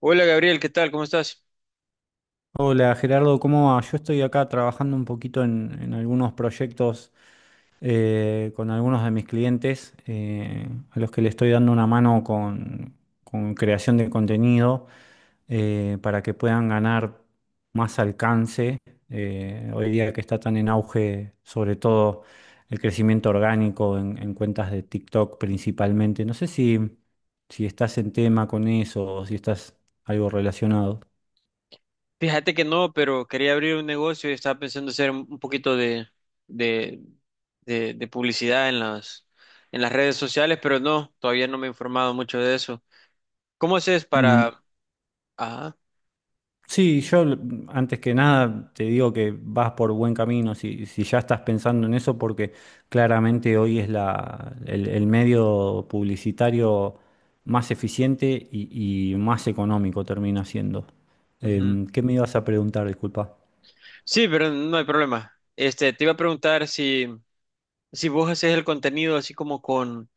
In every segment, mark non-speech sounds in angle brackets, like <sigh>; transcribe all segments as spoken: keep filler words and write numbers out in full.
Hola Gabriel, ¿qué tal? ¿Cómo estás? Hola Gerardo, ¿cómo va? Yo estoy acá trabajando un poquito en, en algunos proyectos eh, con algunos de mis clientes eh, a los que le estoy dando una mano con, con creación de contenido eh, para que puedan ganar más alcance. Eh, hoy día que está tan en auge, sobre todo el crecimiento orgánico en, en cuentas de TikTok principalmente. No sé si, si estás en tema con eso o si estás algo relacionado. Fíjate que no, pero quería abrir un negocio y estaba pensando hacer un un poquito de, de, de, de publicidad en las, en las redes sociales, pero no, todavía no me he informado mucho de eso. ¿Cómo haces Mm. para...? Ajá, Sí, yo l- antes que nada te digo que vas por buen camino si, si ya estás pensando en eso, porque claramente hoy es la, el, el medio publicitario más eficiente y, y más económico termina siendo. ujú. Em, ¿qué me ibas a preguntar? Disculpa. Sí, pero no hay problema. Este, te iba a preguntar si si vos haces el contenido así como con,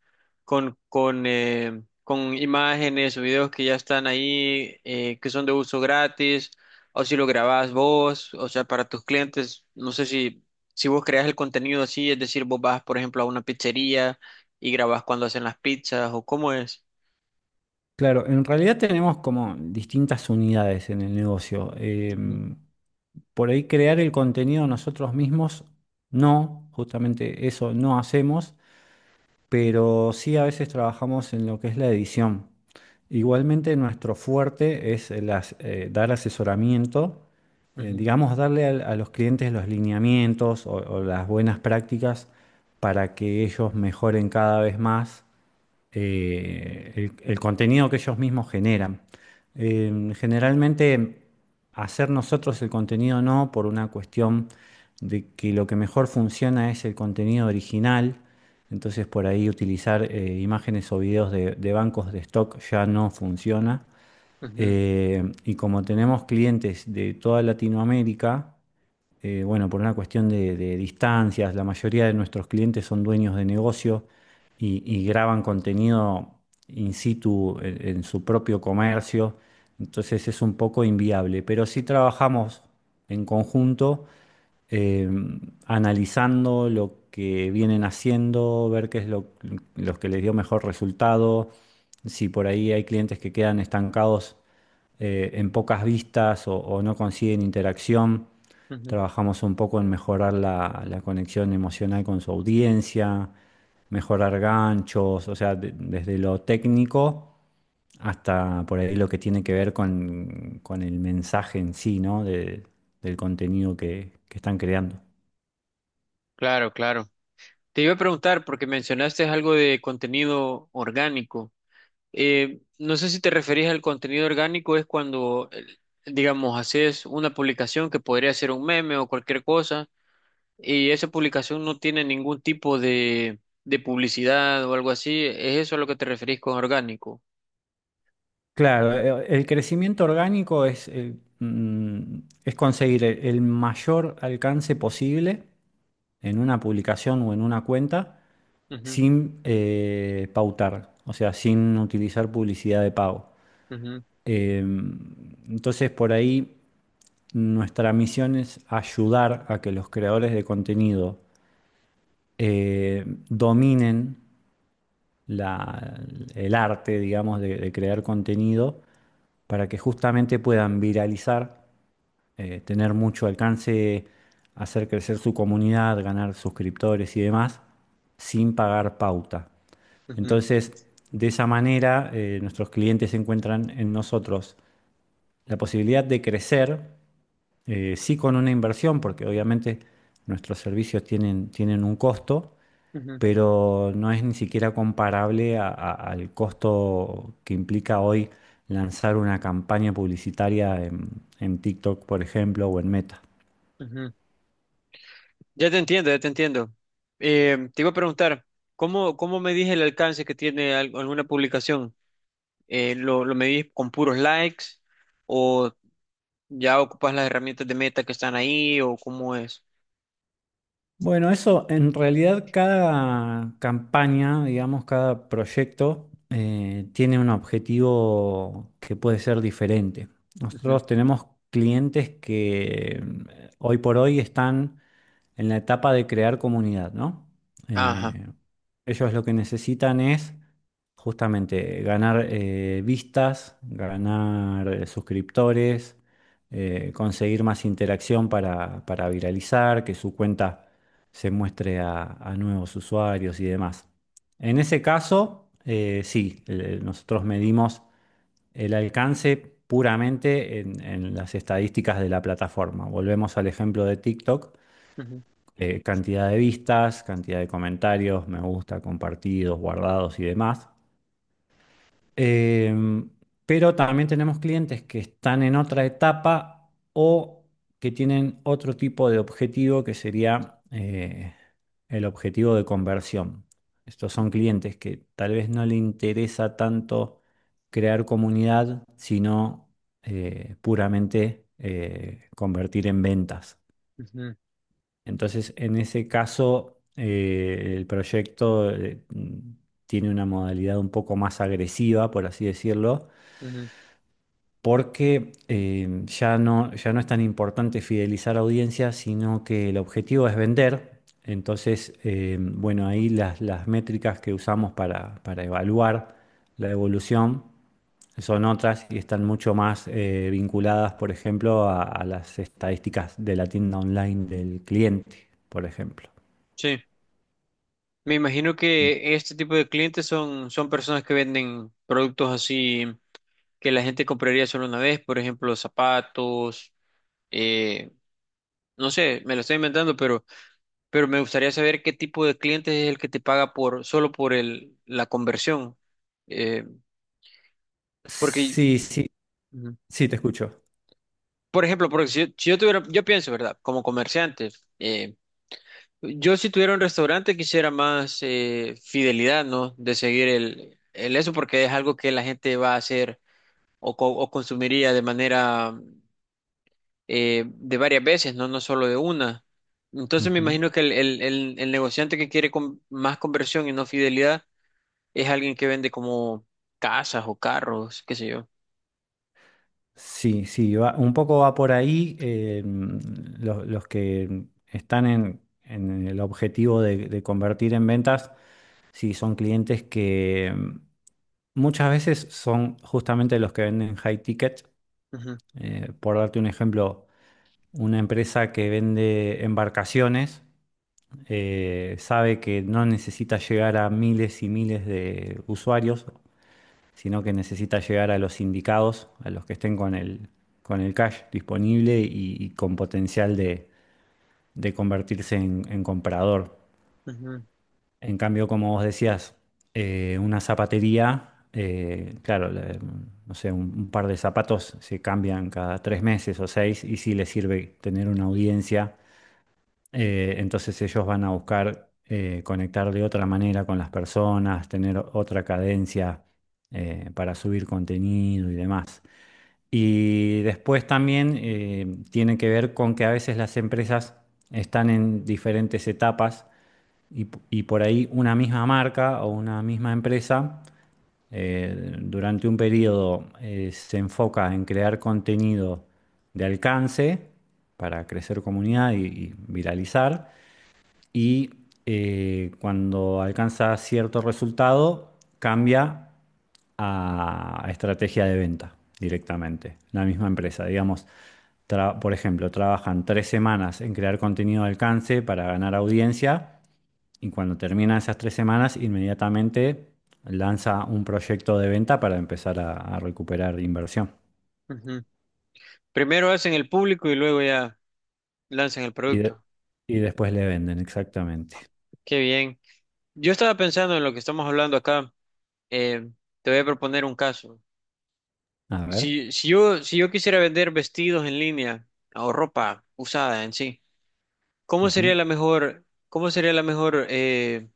con, con, eh, con imágenes o videos que ya están ahí, eh, que son de uso gratis, o si lo grabás vos, o sea, para tus clientes, no sé si, si vos creas el contenido así, es decir, vos vas, por ejemplo, a una pizzería y grabás cuando hacen las pizzas, o cómo es. Claro, en realidad tenemos como distintas unidades en el negocio. Ujú, Em, por ahí crear el contenido nosotros mismos, no, justamente eso no hacemos, pero sí a veces trabajamos en lo que es la edición. Igualmente nuestro fuerte es el as- eh, dar asesoramiento, eh, ujú, digamos, darle al- a, los clientes los lineamientos o, o las buenas prácticas para que ellos mejoren cada vez más eh, el, el contenido que ellos mismos generan. Eh, generalmente hacer nosotros el contenido no, por una cuestión de que lo que mejor funciona es el contenido original. Entonces por ahí utilizar eh, imágenes o videos de, de bancos de stock ya no funciona. ujú, Eh, y como tenemos clientes de toda Latinoamérica, eh, bueno, por una cuestión de, de distancias, la mayoría de nuestros clientes son dueños de negocio y, y graban contenido in situ en, en su propio comercio, entonces es un poco inviable, pero sí trabajamos en conjunto eh, analizando lo que vienen haciendo, ver qué es lo, los que les dio mejor resultado, si por ahí hay clientes que quedan estancados eh, en pocas vistas o, o no consiguen interacción. ujú. Trabajamos un poco en mejorar la, la conexión emocional con su audiencia, mejorar ganchos, o sea, de- desde lo técnico hasta por ahí lo que tiene que ver con, con el mensaje en sí, ¿no? De- del contenido que, que están creando. Claro, claro. Te iba a preguntar, porque mencionaste algo de contenido orgánico. Eh, no sé si te referís al contenido orgánico, es cuando, eh, digamos, haces una publicación que podría ser un meme o cualquier cosa, y esa publicación no tiene ningún tipo de, de publicidad o algo así. ¿Es eso a lo que te referís con orgánico? Claro, eh, el crecimiento orgánico es, eh, mm, es conseguir el el mayor alcance posible en una publicación o en una cuenta Ujú, sin eh, pautar, o sea, sin utilizar publicidad de pago. ujú, Eh, entonces, por ahí nuestra misión es ayudar a que los creadores de contenido eh, dominen la- el arte, digamos, de, de crear contenido para que justamente puedan viralizar, eh, tener mucho alcance, hacer crecer su comunidad, ganar suscriptores y demás, sin pagar pauta. ujú, Entonces, de esa manera, eh, nuestros clientes encuentran en nosotros la posibilidad de crecer, eh, sí con una inversión, porque obviamente nuestros servicios tienen, tienen un costo, ujú, pero no es ni siquiera comparable a- a- al costo que implica hoy lanzar una campaña publicitaria en en TikTok, por ejemplo, o en Meta. ujú. Ya te entiendo, ya te entiendo. Eh, te iba a preguntar, ¿cómo, cómo medís el alcance que tiene al- alguna publicación? Eh, ¿lo, lo medís con puros likes? ¿O ya ocupas las herramientas de meta que están ahí o cómo es? Bueno, eso en realidad cada campaña, digamos, cada proyecto eh, tiene un objetivo que puede ser diferente. Ujú. Nosotros tenemos clientes que mm, hoy por hoy están en la etapa de crear comunidad, ¿no? Ajá. Eh, ellos lo que necesitan es justamente ganar eh, vistas, ganar eh, suscriptores, eh, conseguir más interacción para, para viralizar, que su cuenta se muestre a, a nuevos usuarios y demás. En ese caso, eh, sí, eh, nosotros medimos el alcance puramente en en las estadísticas de la plataforma. Volvemos al ejemplo de TikTok Ujú, eh, cantidad de vistas, cantidad de comentarios, me gusta, compartidos, guardados y demás. Em, pero también tenemos clientes que están en otra etapa o que tienen otro tipo de objetivo que sería eh, el objetivo de conversión. Estos ujú, son clientes que tal vez no le interesa tanto crear comunidad, sino eh, puramente eh, convertir en ventas. ujú, Entonces, en ese caso, eh, el proyecto eh, mm, tiene una modalidad un poco más agresiva, por así decirlo, ujú. porque eh, ya no, ya no es tan importante fidelizar audiencias, sino que el objetivo es vender. Entonces, eh, bueno, ahí las, las métricas que usamos para, para evaluar la evolución son otras y están mucho más eh, vinculadas, por ejemplo, a a las estadísticas de la tienda online del cliente, por ejemplo. Sí. Me imagino que este tipo de clientes son, son personas que venden productos así que la gente compraría solo una vez, por ejemplo, zapatos, eh, no sé, me lo estoy inventando, pero, pero me gustaría saber qué tipo de cliente es el que te paga por, solo por el, la conversión. Eh, porque, Sí, sí, ujú, sí, te escucho. por ejemplo, porque si, yo si yo tuviera, yo pienso, ¿verdad? Como comerciante, yo si tuviera un restaurante quisiera más eh, fidelidad, ¿no? De seguir el, el eso porque es algo que la gente va a hacer o, co- o consumiría de manera eh, de varias veces, ¿no? No solo de una. Entonces me Ujú. imagino que el, el, el, el negociante que quiere con- más conversión y no fidelidad es alguien que vende como casas o carros, qué sé yo. Sí, sí, va- un poco va por ahí. Eh, los, los que están en, en el objetivo de, de convertir en ventas, sí, son clientes que mm, muchas veces son justamente los que venden high ticket. Ujú, Eh, por darte un ejemplo, una empresa que vende embarcaciones eh, sabe que no necesita llegar a miles y miles de usuarios sino que necesita llegar a los sindicados, a los que estén con el, con el cash disponible y, y con potencial de, de convertirse en, en comprador. ujú, En cambio, como vos decías, eh, una zapatería, eh, claro, le- no sé, un, un par de zapatos se cambian cada tres meses o seis y sí les sirve tener una audiencia. Eh, entonces ellos van a buscar eh, conectar de otra manera con las personas, tener otra cadencia eh, para subir contenido y demás. Y después también eh, tiene que ver con que a veces las empresas están en diferentes etapas y, p- y por ahí una misma marca o una misma empresa eh, durante un periodo eh, se enfoca en crear contenido de alcance para crecer comunidad y, y viralizar y eh, cuando alcanza cierto resultado cambia a estrategia de venta directamente, la misma empresa. Digamos, tra- por ejemplo, trabajan tres semanas en crear contenido de alcance para ganar audiencia y cuando terminan esas tres semanas, inmediatamente lanza un proyecto de venta para empezar a, a recuperar inversión. ujú. Primero hacen el público y luego ya lanzan el Y, de- producto. y después le venden, exactamente. Qué bien. Yo estaba pensando en lo que estamos hablando acá. Eh, Te voy a proponer un caso. A ver. Si, si yo, si yo quisiera vender vestidos en línea o ropa usada en sí, ¿cómo sería Ujú. la mejor, cómo sería la mejor eh,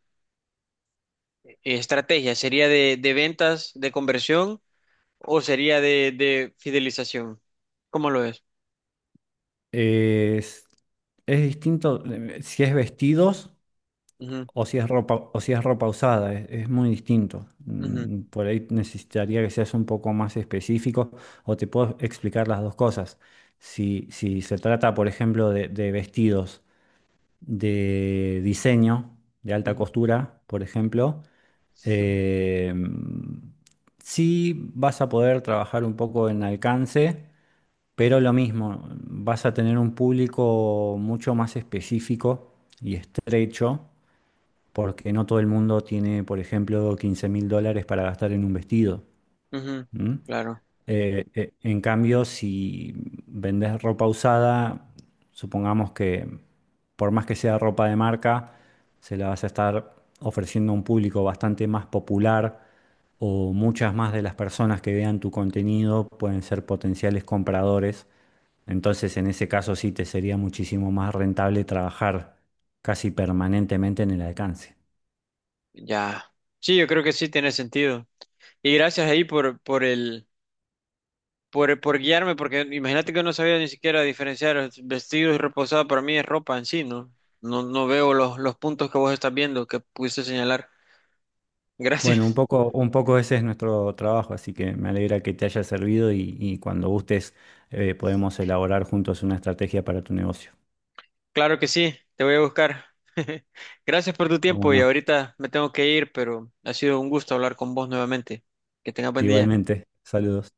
estrategia? ¿Sería de, de ventas, de conversión o sería de, de fidelización? ¿Cómo lo es? Es, es distinto eh, si es vestidos Ujú, o si es ropa, o si es ropa usada, es, es muy distinto. ujú, Mm. Por ahí necesitaría que seas un poco más específico o te puedo explicar las dos cosas. Si, si se trata, por ejemplo, de, de vestidos de diseño, de alta ujú, costura, por ejemplo, ujú, eh, sí vas a poder trabajar un poco en alcance, pero lo mismo, vas a tener un público mucho más específico y estrecho porque no todo el mundo tiene, por ejemplo, quince mil dólares para gastar en un vestido. ujú. ¿M? Claro, Eh, eh, en cambio, si vendes ropa usada, supongamos que por más que sea ropa de marca, se la vas a estar ofreciendo a un público bastante más popular o muchas más de las personas que vean tu contenido pueden ser potenciales compradores. Entonces, en ese caso sí te sería muchísimo más rentable trabajar casi permanentemente en el alcance. ya. Sí, yo creo que sí tiene sentido. Y gracias ahí por, por el... por, por guiarme, porque imagínate que no sabía ni siquiera diferenciar vestidos y reposado, para mí es ropa en sí, ¿no? No, no veo los, los puntos que vos estás viendo que pudiste señalar. Bueno, un Gracias. <laughs> poco, un poco ese es nuestro trabajo, así que me alegra que te haya servido y, y cuando gustes eh, podemos elaborar juntos una estrategia para tu negocio. Claro que sí, te voy a buscar. <laughs> Gracias por tu Como tiempo y no, ahorita me tengo que ir, pero ha sido un gusto hablar con vos nuevamente. Que tengas buen día. igualmente, saludos.